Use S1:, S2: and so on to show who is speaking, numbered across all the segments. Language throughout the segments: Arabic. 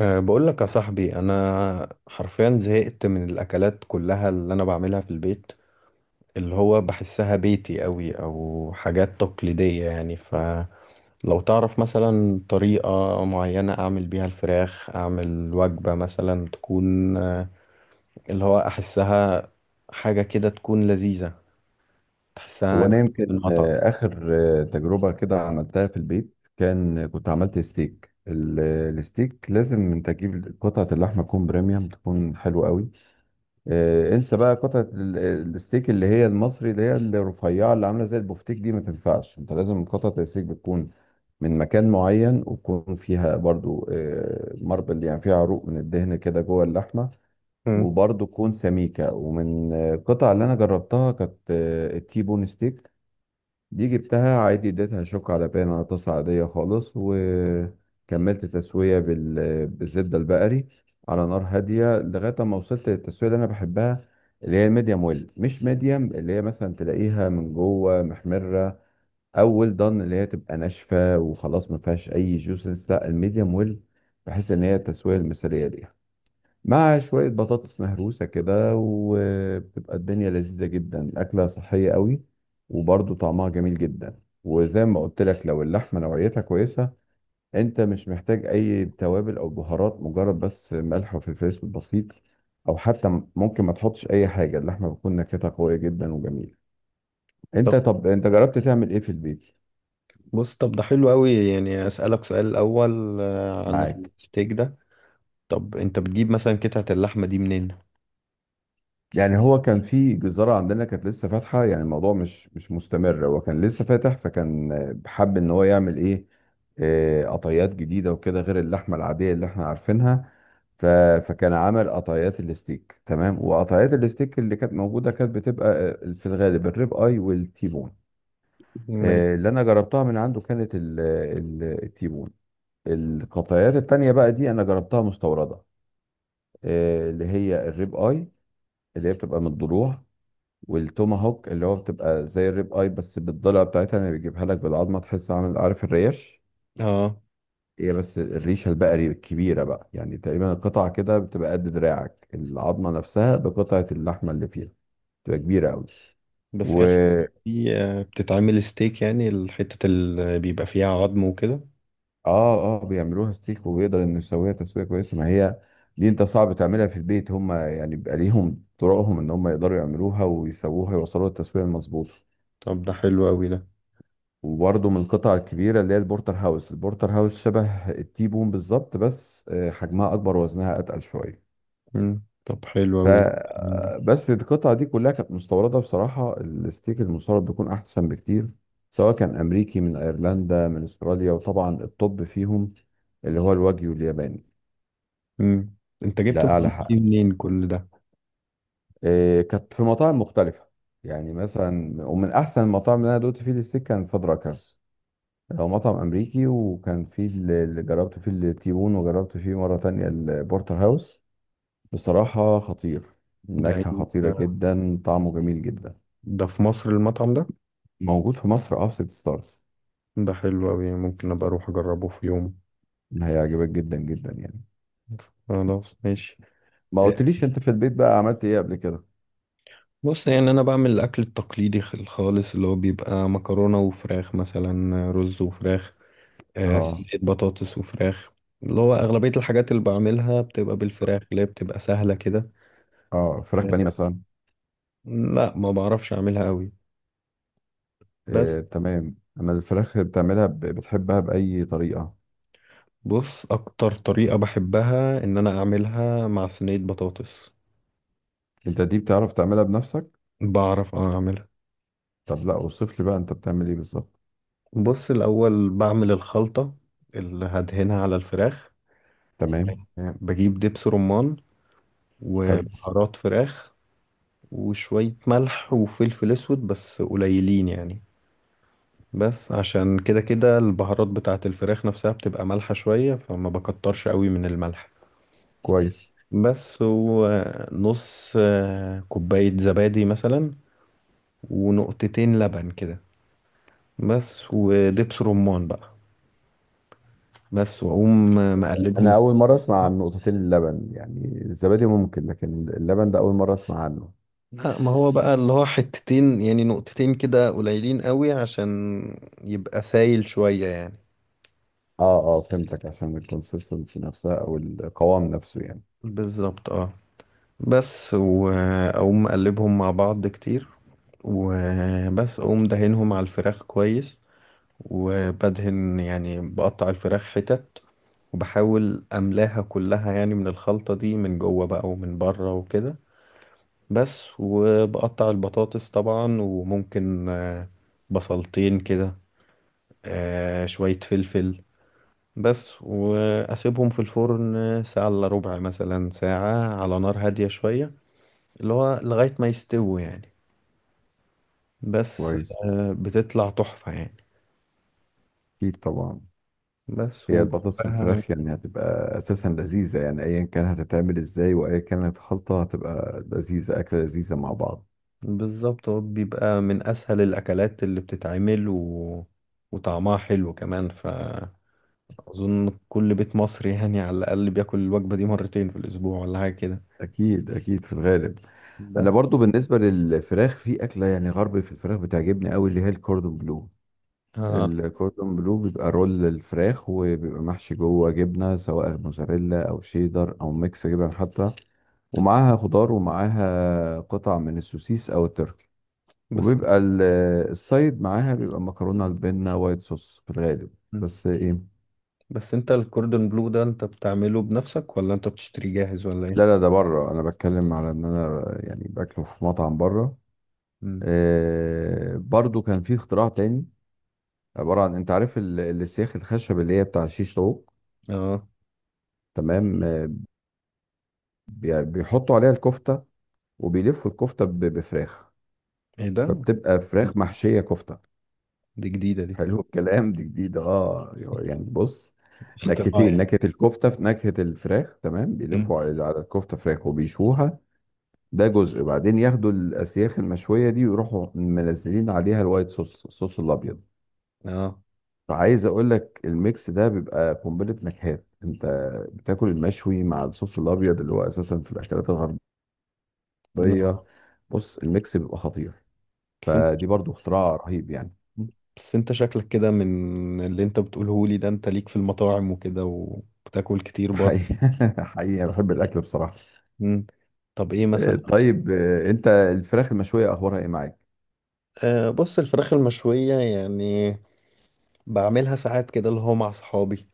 S1: بقول لك يا صاحبي، انا حرفيا زهقت من الاكلات كلها اللي انا بعملها في البيت، اللي هو بحسها بيتي قوي او حاجات تقليدية يعني. فلو تعرف مثلا طريقة معينة اعمل بيها الفراخ، اعمل وجبة مثلا تكون اللي هو احسها حاجة كده تكون لذيذة، تحسها
S2: هو
S1: جاية
S2: انا يمكن
S1: من المطعم.
S2: اخر تجربه كده عملتها في البيت. كان كنت عملت ستيك الستيك. لازم انت تجيب قطعه اللحمه تكون بريميوم، تكون حلوه قوي. انسى بقى قطعه الستيك اللي هي المصري، اللي هي الرفيعه اللي عامله زي البفتيك دي، ما تنفعش. انت لازم قطعه الستيك بتكون من مكان معين، ويكون فيها برضو ماربل، يعني فيها عروق من الدهن كده جوه اللحمه.
S1: مم.
S2: وبرضو تكون سميكه. ومن القطع اللي انا جربتها، كانت التيبون ستيك. دي جبتها عادي، اديتها شوك على بان على طاسة عادية خالص، وكملت تسوية بالزبدة البقري، على نار هادية لغاية ما وصلت للتسوية اللي أنا بحبها، اللي هي الميديم ويل. مش ميديم اللي هي مثلا تلاقيها من جوه محمرة، أو ويل دان اللي هي تبقى ناشفة وخلاص ما فيهاش أي جوسنس، لا الميديم ويل. بحس إن هي التسوية المثالية ليها، مع شوية بطاطس مهروسة كده، وبتبقى الدنيا لذيذة جدا. أكلة صحية قوي، وبرضه طعمها جميل جدا. وزي ما قلت لك، لو اللحمة نوعيتها كويسة، أنت مش محتاج أي توابل أو بهارات، مجرد بس ملح وفلفل أسود بسيط، أو حتى ممكن ما تحطش أي حاجة. اللحمة بتكون نكهتها قوية جدا وجميلة. أنت،
S1: طب.
S2: طب أنت جربت تعمل إيه في البيت؟
S1: بص، طب ده حلو قوي، يعني اسألك سؤال الاول عن
S2: معاك؟
S1: الستيك ده. طب انت بتجيب مثلا قطعة اللحمة دي منين؟
S2: يعني هو كان في جزارة عندنا كانت لسه فاتحة. يعني الموضوع مش مستمر، هو كان لسه فاتح. فكان حب ان هو يعمل ايه؟ قطيات جديدة وكده، غير اللحمة العادية اللي احنا عارفينها. ف... فكان عمل قطيات الستيك، تمام. وقطيات الستيك اللي كانت موجودة كانت بتبقى في الغالب الريب اي والتيبون.
S1: ما-
S2: اللي انا جربتها من عنده كانت التيبون. القطيات التانية بقى دي انا جربتها مستوردة، اللي هي الريب اي، اللي هي بتبقى من الضلوع، والتوماهوك اللي هو بتبقى زي الريب اي بس بالضلع بتاعتها، اللي بيجيبها لك بالعظمه. تحس عامل، عارف، الريش؟
S1: اه.
S2: هي بس الريشه البقري الكبيره بقى. يعني تقريبا القطعه كده بتبقى قد دراعك، العظمه نفسها بقطعه اللحمه اللي فيها، بتبقى كبيره قوي.
S1: بس هي
S2: و
S1: الحتة دي بتتعمل ستيك، يعني الحتة اللي بيبقى فيها عظم وكده؟
S2: اه اه، بيعملوها ستيك، وبيقدر انه يسويها تسويه كويسه. ما هي دي انت صعب تعملها في البيت. هم يعني بيبقى ليهم طرقهم ان هم يقدروا يعملوها ويسووها، يوصلوا للتسويه المظبوطه.
S1: طب ده حلو أوي ده.
S2: وبرضه من القطع الكبيرة اللي هي البورتر هاوس. البورتر هاوس شبه التيبون بالظبط، بس حجمها أكبر ووزنها أتقل شوية.
S1: مم. طب حلو
S2: ف
S1: أوي. مم.
S2: آه، بس القطعة دي كلها كانت مستوردة. بصراحة الستيك المستورد بيكون أحسن بكتير، سواء كان أمريكي، من أيرلندا، من أستراليا. وطبعا الطب فيهم اللي هو الواجيو الياباني،
S1: مم. انت جبت
S2: ده أعلى
S1: المعلومات دي
S2: حق.
S1: منين كل ده؟
S2: كانت في مطاعم مختلفة، يعني مثلا. ومن أحسن المطاعم اللي أنا دوت فيه الستيك كان فادراكرز. هو مطعم امريكي، وكان فيه اللي جربت فيه التيبون، وجربت فيه مره تانية البورتر هاوس. بصراحه خطير،
S1: ده إيه؟
S2: النكهه خطيره جدا، طعمه جميل جدا.
S1: ده في مصر المطعم ده؟
S2: موجود في مصر، اه، في ست ستارز.
S1: ده حلو أوي، ممكن أبقى أروح أجربه في يوم.
S2: هيعجبك جدا جدا يعني.
S1: خلاص ماشي.
S2: ما
S1: آه،
S2: قلتليش انت في البيت بقى عملت ايه قبل كده؟
S1: بص، يعني أنا بعمل الأكل التقليدي الخالص، اللي هو بيبقى مكرونة وفراخ، مثلا رز وفراخ،
S2: اه
S1: صينية بطاطس وفراخ. اللي هو أغلبية الحاجات اللي بعملها بتبقى بالفراخ، اللي هي بتبقى سهلة كده.
S2: اه. فراخ بانيه
S1: آه،
S2: مثلا؟
S1: لا ما بعرفش أعملها قوي. بس،
S2: تمام. اما الفراخ اللي بتعملها بتحبها باي طريقه؟
S1: بص أكتر طريقة بحبها إن أنا أعملها مع صينية بطاطس.
S2: انت دي بتعرف تعملها بنفسك؟
S1: بعرف أعملها.
S2: طب لا، اوصف لي بقى انت بتعمل ايه بالظبط.
S1: بص الأول بعمل الخلطة اللي هدهنها على الفراخ.
S2: تمام.
S1: آه، بجيب دبس رمان
S2: حلو.
S1: وبهارات فراخ وشوية ملح وفلفل أسود بس قليلين يعني، بس عشان كده كده البهارات بتاعة الفراخ نفسها بتبقى مالحة شوية فما بكترش قوي من الملح.
S2: كويس.
S1: بس هو نص كوباية زبادي مثلا، ونقطتين لبن كده بس، ودبس رمان بقى بس، واقوم
S2: انا
S1: مقلبهم.
S2: اول مره اسمع عن نقطتين اللبن. يعني الزبادي ممكن، لكن اللبن ده اول مره اسمع عنه.
S1: لا ما هو بقى اللي هو حتتين، يعني نقطتين كده قليلين قوي عشان يبقى سايل شوية يعني.
S2: اه اه، فهمتك، عشان الكونسيستنسي نفسها او القوام نفسه يعني.
S1: بالظبط اه. بس وأقوم أقلبهم مع بعض كتير، وبس أقوم دهنهم على الفراخ كويس، وبدهن يعني بقطع الفراخ حتت، وبحاول أملاها كلها يعني من الخلطة دي من جوه بقى ومن بره وكده. بس وبقطع البطاطس طبعا، وممكن بصلتين كده، شوية فلفل. بس وأسيبهم في الفرن ساعة إلا ربع، مثلا ساعة، على نار هادية شوية، اللي هو لغاية ما يستووا يعني. بس.
S2: كويس.
S1: بتطلع تحفة يعني.
S2: اكيد طبعا.
S1: بس
S2: هي البطاطس
S1: وجنبها
S2: بالفراخ يعني هتبقى اساسا لذيذه، يعني ايا كان هتتعمل ازاي وايا كانت الخلطه، هتبقى لذيذه، اكله لذيذه مع بعض.
S1: بالظبط، هو بيبقى من أسهل الأكلات اللي بتتعمل وطعمها حلو كمان. فأظن كل بيت مصري يعني على الأقل بياكل الوجبة دي مرتين في الأسبوع ولا حاجة كده.
S2: اكيد اكيد، في الغالب. انا
S1: بس.
S2: برضو بالنسبه للفراخ في اكله يعني غرب في الفراخ بتعجبني قوي، اللي هي الكوردون بلو.
S1: آه.
S2: الكوردون بلو بيبقى رول للفراخ، وبيبقى محشي جوه جبنة، سواء موزاريلا أو شيدر أو ميكس جبن حتى. ومعاها خضار، ومعاها قطع من السوسيس أو التركي.
S1: بس
S2: وبيبقى السايد معاها بيبقى مكرونة البنة وايت صوص في الغالب. بس إيه.
S1: بس أنت الكوردون بلو ده، أنت بتعمله بنفسك ولا أنت بتشتريه جاهز ولا إيه؟
S2: لا لا، ده بره، أنا بتكلم على إن أنا يعني باكله في مطعم بره.
S1: مم.
S2: برضو كان في اختراع تاني، عبارة عن أنت عارف السياخ الخشب اللي هي بتاع شيش طاووق؟
S1: آه.
S2: تمام. بيحطوا عليها الكفتة، وبيلفوا الكفته بفراخ.
S1: إيه ده؟
S2: فبتبقى فراخ محشيه كفته.
S1: دي جديدة دي.
S2: حلو الكلام، دي جديد، اه. يعني بص،
S1: اختراع
S2: نكهتين،
S1: يعني.
S2: نكهه الكفته في نكهه الفراخ. تمام،
S1: مم.
S2: بيلفوا على الكفته فراخ، وبيشوها. ده جزء، بعدين ياخدوا الاسياخ المشويه دي ويروحوا منزلين عليها الوايت صوص، الصوص الابيض.
S1: آه.
S2: فعايز اقول لك الميكس ده بيبقى قنبله نكهات. انت بتاكل المشوي مع الصوص الابيض اللي هو اساسا في الاكلات الغربيه.
S1: لا.
S2: بص الميكس بيبقى خطير.
S1: بس.
S2: فدي برضو اختراع رهيب يعني.
S1: بس انت شكلك كده من اللي انت بتقوله لي ده، انت ليك في المطاعم وكده وبتاكل كتير برضه.
S2: حقيقة، حقيقة بحب الأكل بصراحة.
S1: مم. طب ايه مثلا؟
S2: طيب، أنت الفراخ المشوية أخبارها إيه معاك؟
S1: آه، بص الفراخ المشوية يعني بعملها ساعات كده، اللي هو مع صحابي،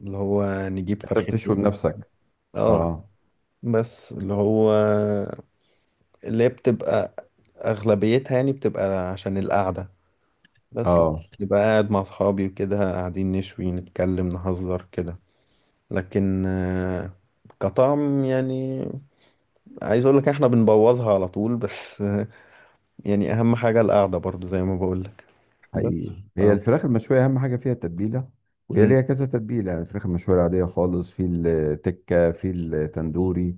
S1: اللي هو نجيب
S2: أنت
S1: فرختين.
S2: بتشوي بنفسك؟
S1: اه.
S2: أه
S1: بس اللي هو، اللي هي بتبقى اغلبيتها يعني بتبقى عشان القعدة. بس
S2: أه.
S1: نبقى قاعد مع صحابي وكده، قاعدين نشوي نتكلم نهزر كده. لكن آه، كطعم يعني عايز اقول لك احنا بنبوظها على طول، بس يعني اهم حاجة القعدة برضو زي ما بقول لك. بس.
S2: حقيقي، هي
S1: اه.
S2: الفراخ المشوية أهم حاجة فيها التتبيلة. وهي
S1: مم.
S2: ليها كذا تتبيلة، يعني الفراخ المشوية العادية خالص، في التكة، في التندوري.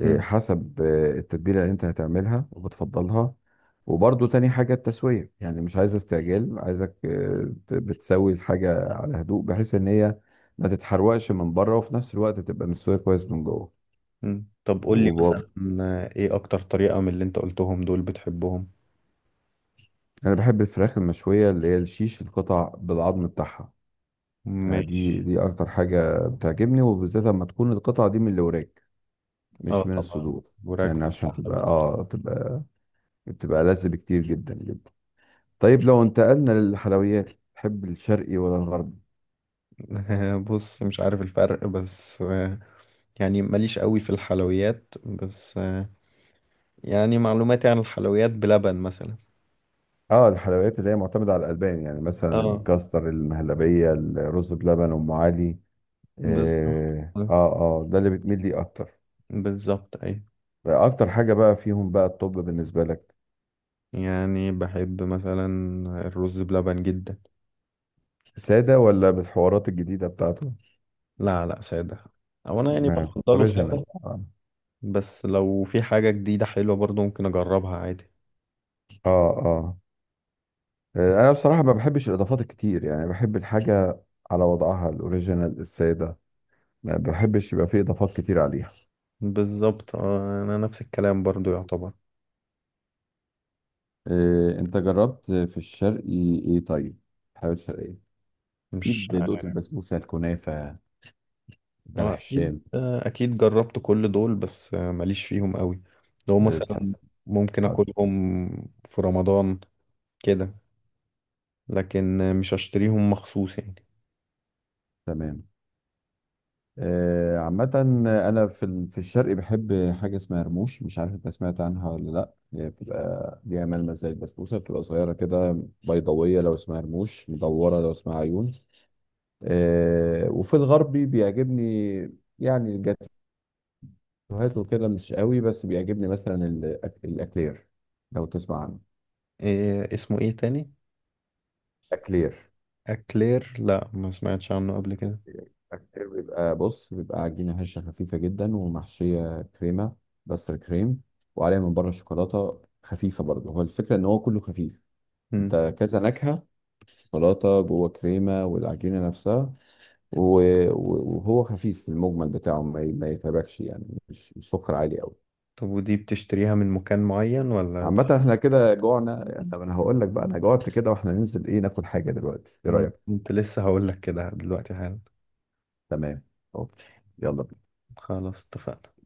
S2: إيه،
S1: مم.
S2: حسب التتبيلة اللي انت هتعملها وبتفضلها. وبرضو تاني حاجة التسوية، يعني مش عايز استعجال، عايزك بتسوي الحاجة على هدوء، بحيث ان هي ما تتحرقش من بره، وفي نفس الوقت تبقى مستوية كويس من جوه.
S1: مم. طب قول لي مثلا،
S2: وب...
S1: ايه اكتر طريقة من اللي انت قلتهم دول بتحبهم؟
S2: انا بحب الفراخ المشوية اللي هي الشيش، القطع بالعظم بتاعها.
S1: ماشي.
S2: دي اكتر حاجة بتعجبني، وبالذات لما تكون القطعة دي من الوراك،
S1: اه
S2: مش من
S1: طبعا.
S2: الصدور.
S1: وراك.
S2: يعني عشان تبقى بتبقى لذ بكتير جدا جدا. طيب لو انتقلنا للحلويات، تحب الشرقي ولا الغربي؟
S1: بص مش عارف الفرق، بس يعني ماليش قوي في الحلويات، بس يعني معلوماتي عن الحلويات بلبن مثلا.
S2: اه. الحلويات اللي هي معتمدة على الألبان، يعني مثلا
S1: اه.
S2: الكاستر، المهلبية، الرز بلبن، أم علي.
S1: بالظبط.
S2: اه اه. ده اللي بتميل ليه أكتر؟
S1: بالظبط اي.
S2: أكتر حاجة بقى فيهم بقى الطب بالنسبة لك؟
S1: يعني بحب مثلا الرز بلبن جدا.
S2: سادة ولا بالحوارات الجديدة بتاعته؟
S1: لا لا سادة. او انا يعني بفضله
S2: أوريجينال،
S1: سادة.
S2: اه.
S1: بس لو في حاجة جديدة حلوة برضو ممكن اجربها عادي.
S2: اه. أنا بصراحة ما بحبش الإضافات الكتير، يعني بحب الحاجة على وضعها الأوريجينال السادة. ما بحبش يبقى فيه إضافات كتير عليها.
S1: بالظبط. انا نفس الكلام برضو يعتبر.
S2: إيه، انت جربت في الشرقي ايه طيب؟ الحلويات الشرقية؟ اكيد
S1: مش.
S2: دقت البسبوسه، الكنافه، بلح
S1: اكيد،
S2: الشام.
S1: اكيد جربت كل دول، بس ماليش فيهم قوي. لو مثلا
S2: بتحس؟
S1: ممكن
S2: آه،
S1: اكلهم في رمضان كده، لكن مش اشتريهم مخصوص يعني.
S2: تمام. عامة أنا في في الشرق بحب حاجة اسمها رموش. مش عارف أنت سمعت عنها ولا لأ. هي بتبقى ليها ملمس زي البسبوسة، بتبقى صغيرة كده بيضاوية لو اسمها رموش، مدورة لو اسمها عيون. وفي الغربي بيعجبني يعني الجاتوهات وكده، مش قوي، بس بيعجبني مثلا الأكلير، لو تسمع عنه.
S1: إيه اسمه ايه تاني؟
S2: اكلير؟
S1: اكلير. لا ما سمعتش عنه قبل كده.
S2: اكلير بيبقى، بص، بيبقى عجينه هشه خفيفه جدا ومحشيه كريمه، بس كريم، وعليها من بره شوكولاته خفيفه برضه. هو الفكره ان هو كله خفيف.
S1: مم.
S2: انت كذا نكهه، شوكولاته، جوه كريمه، والعجينه نفسها. وهو خفيف في المجمل بتاعه، ما يتعبكش، يعني مش سكر عالي قوي.
S1: طب ودي بتشتريها من مكان معين ولا؟
S2: عامة احنا كده جوعنا يعني، طب انا هقول لك بقى، انا جوعت كده، واحنا ننزل ايه ناكل حاجة دلوقتي، ايه
S1: ما انا
S2: رأيك؟
S1: كنت لسه هقول لك كده دلوقتي حالا.
S2: تمام. اوكي. يلا.
S1: خلاص اتفقنا.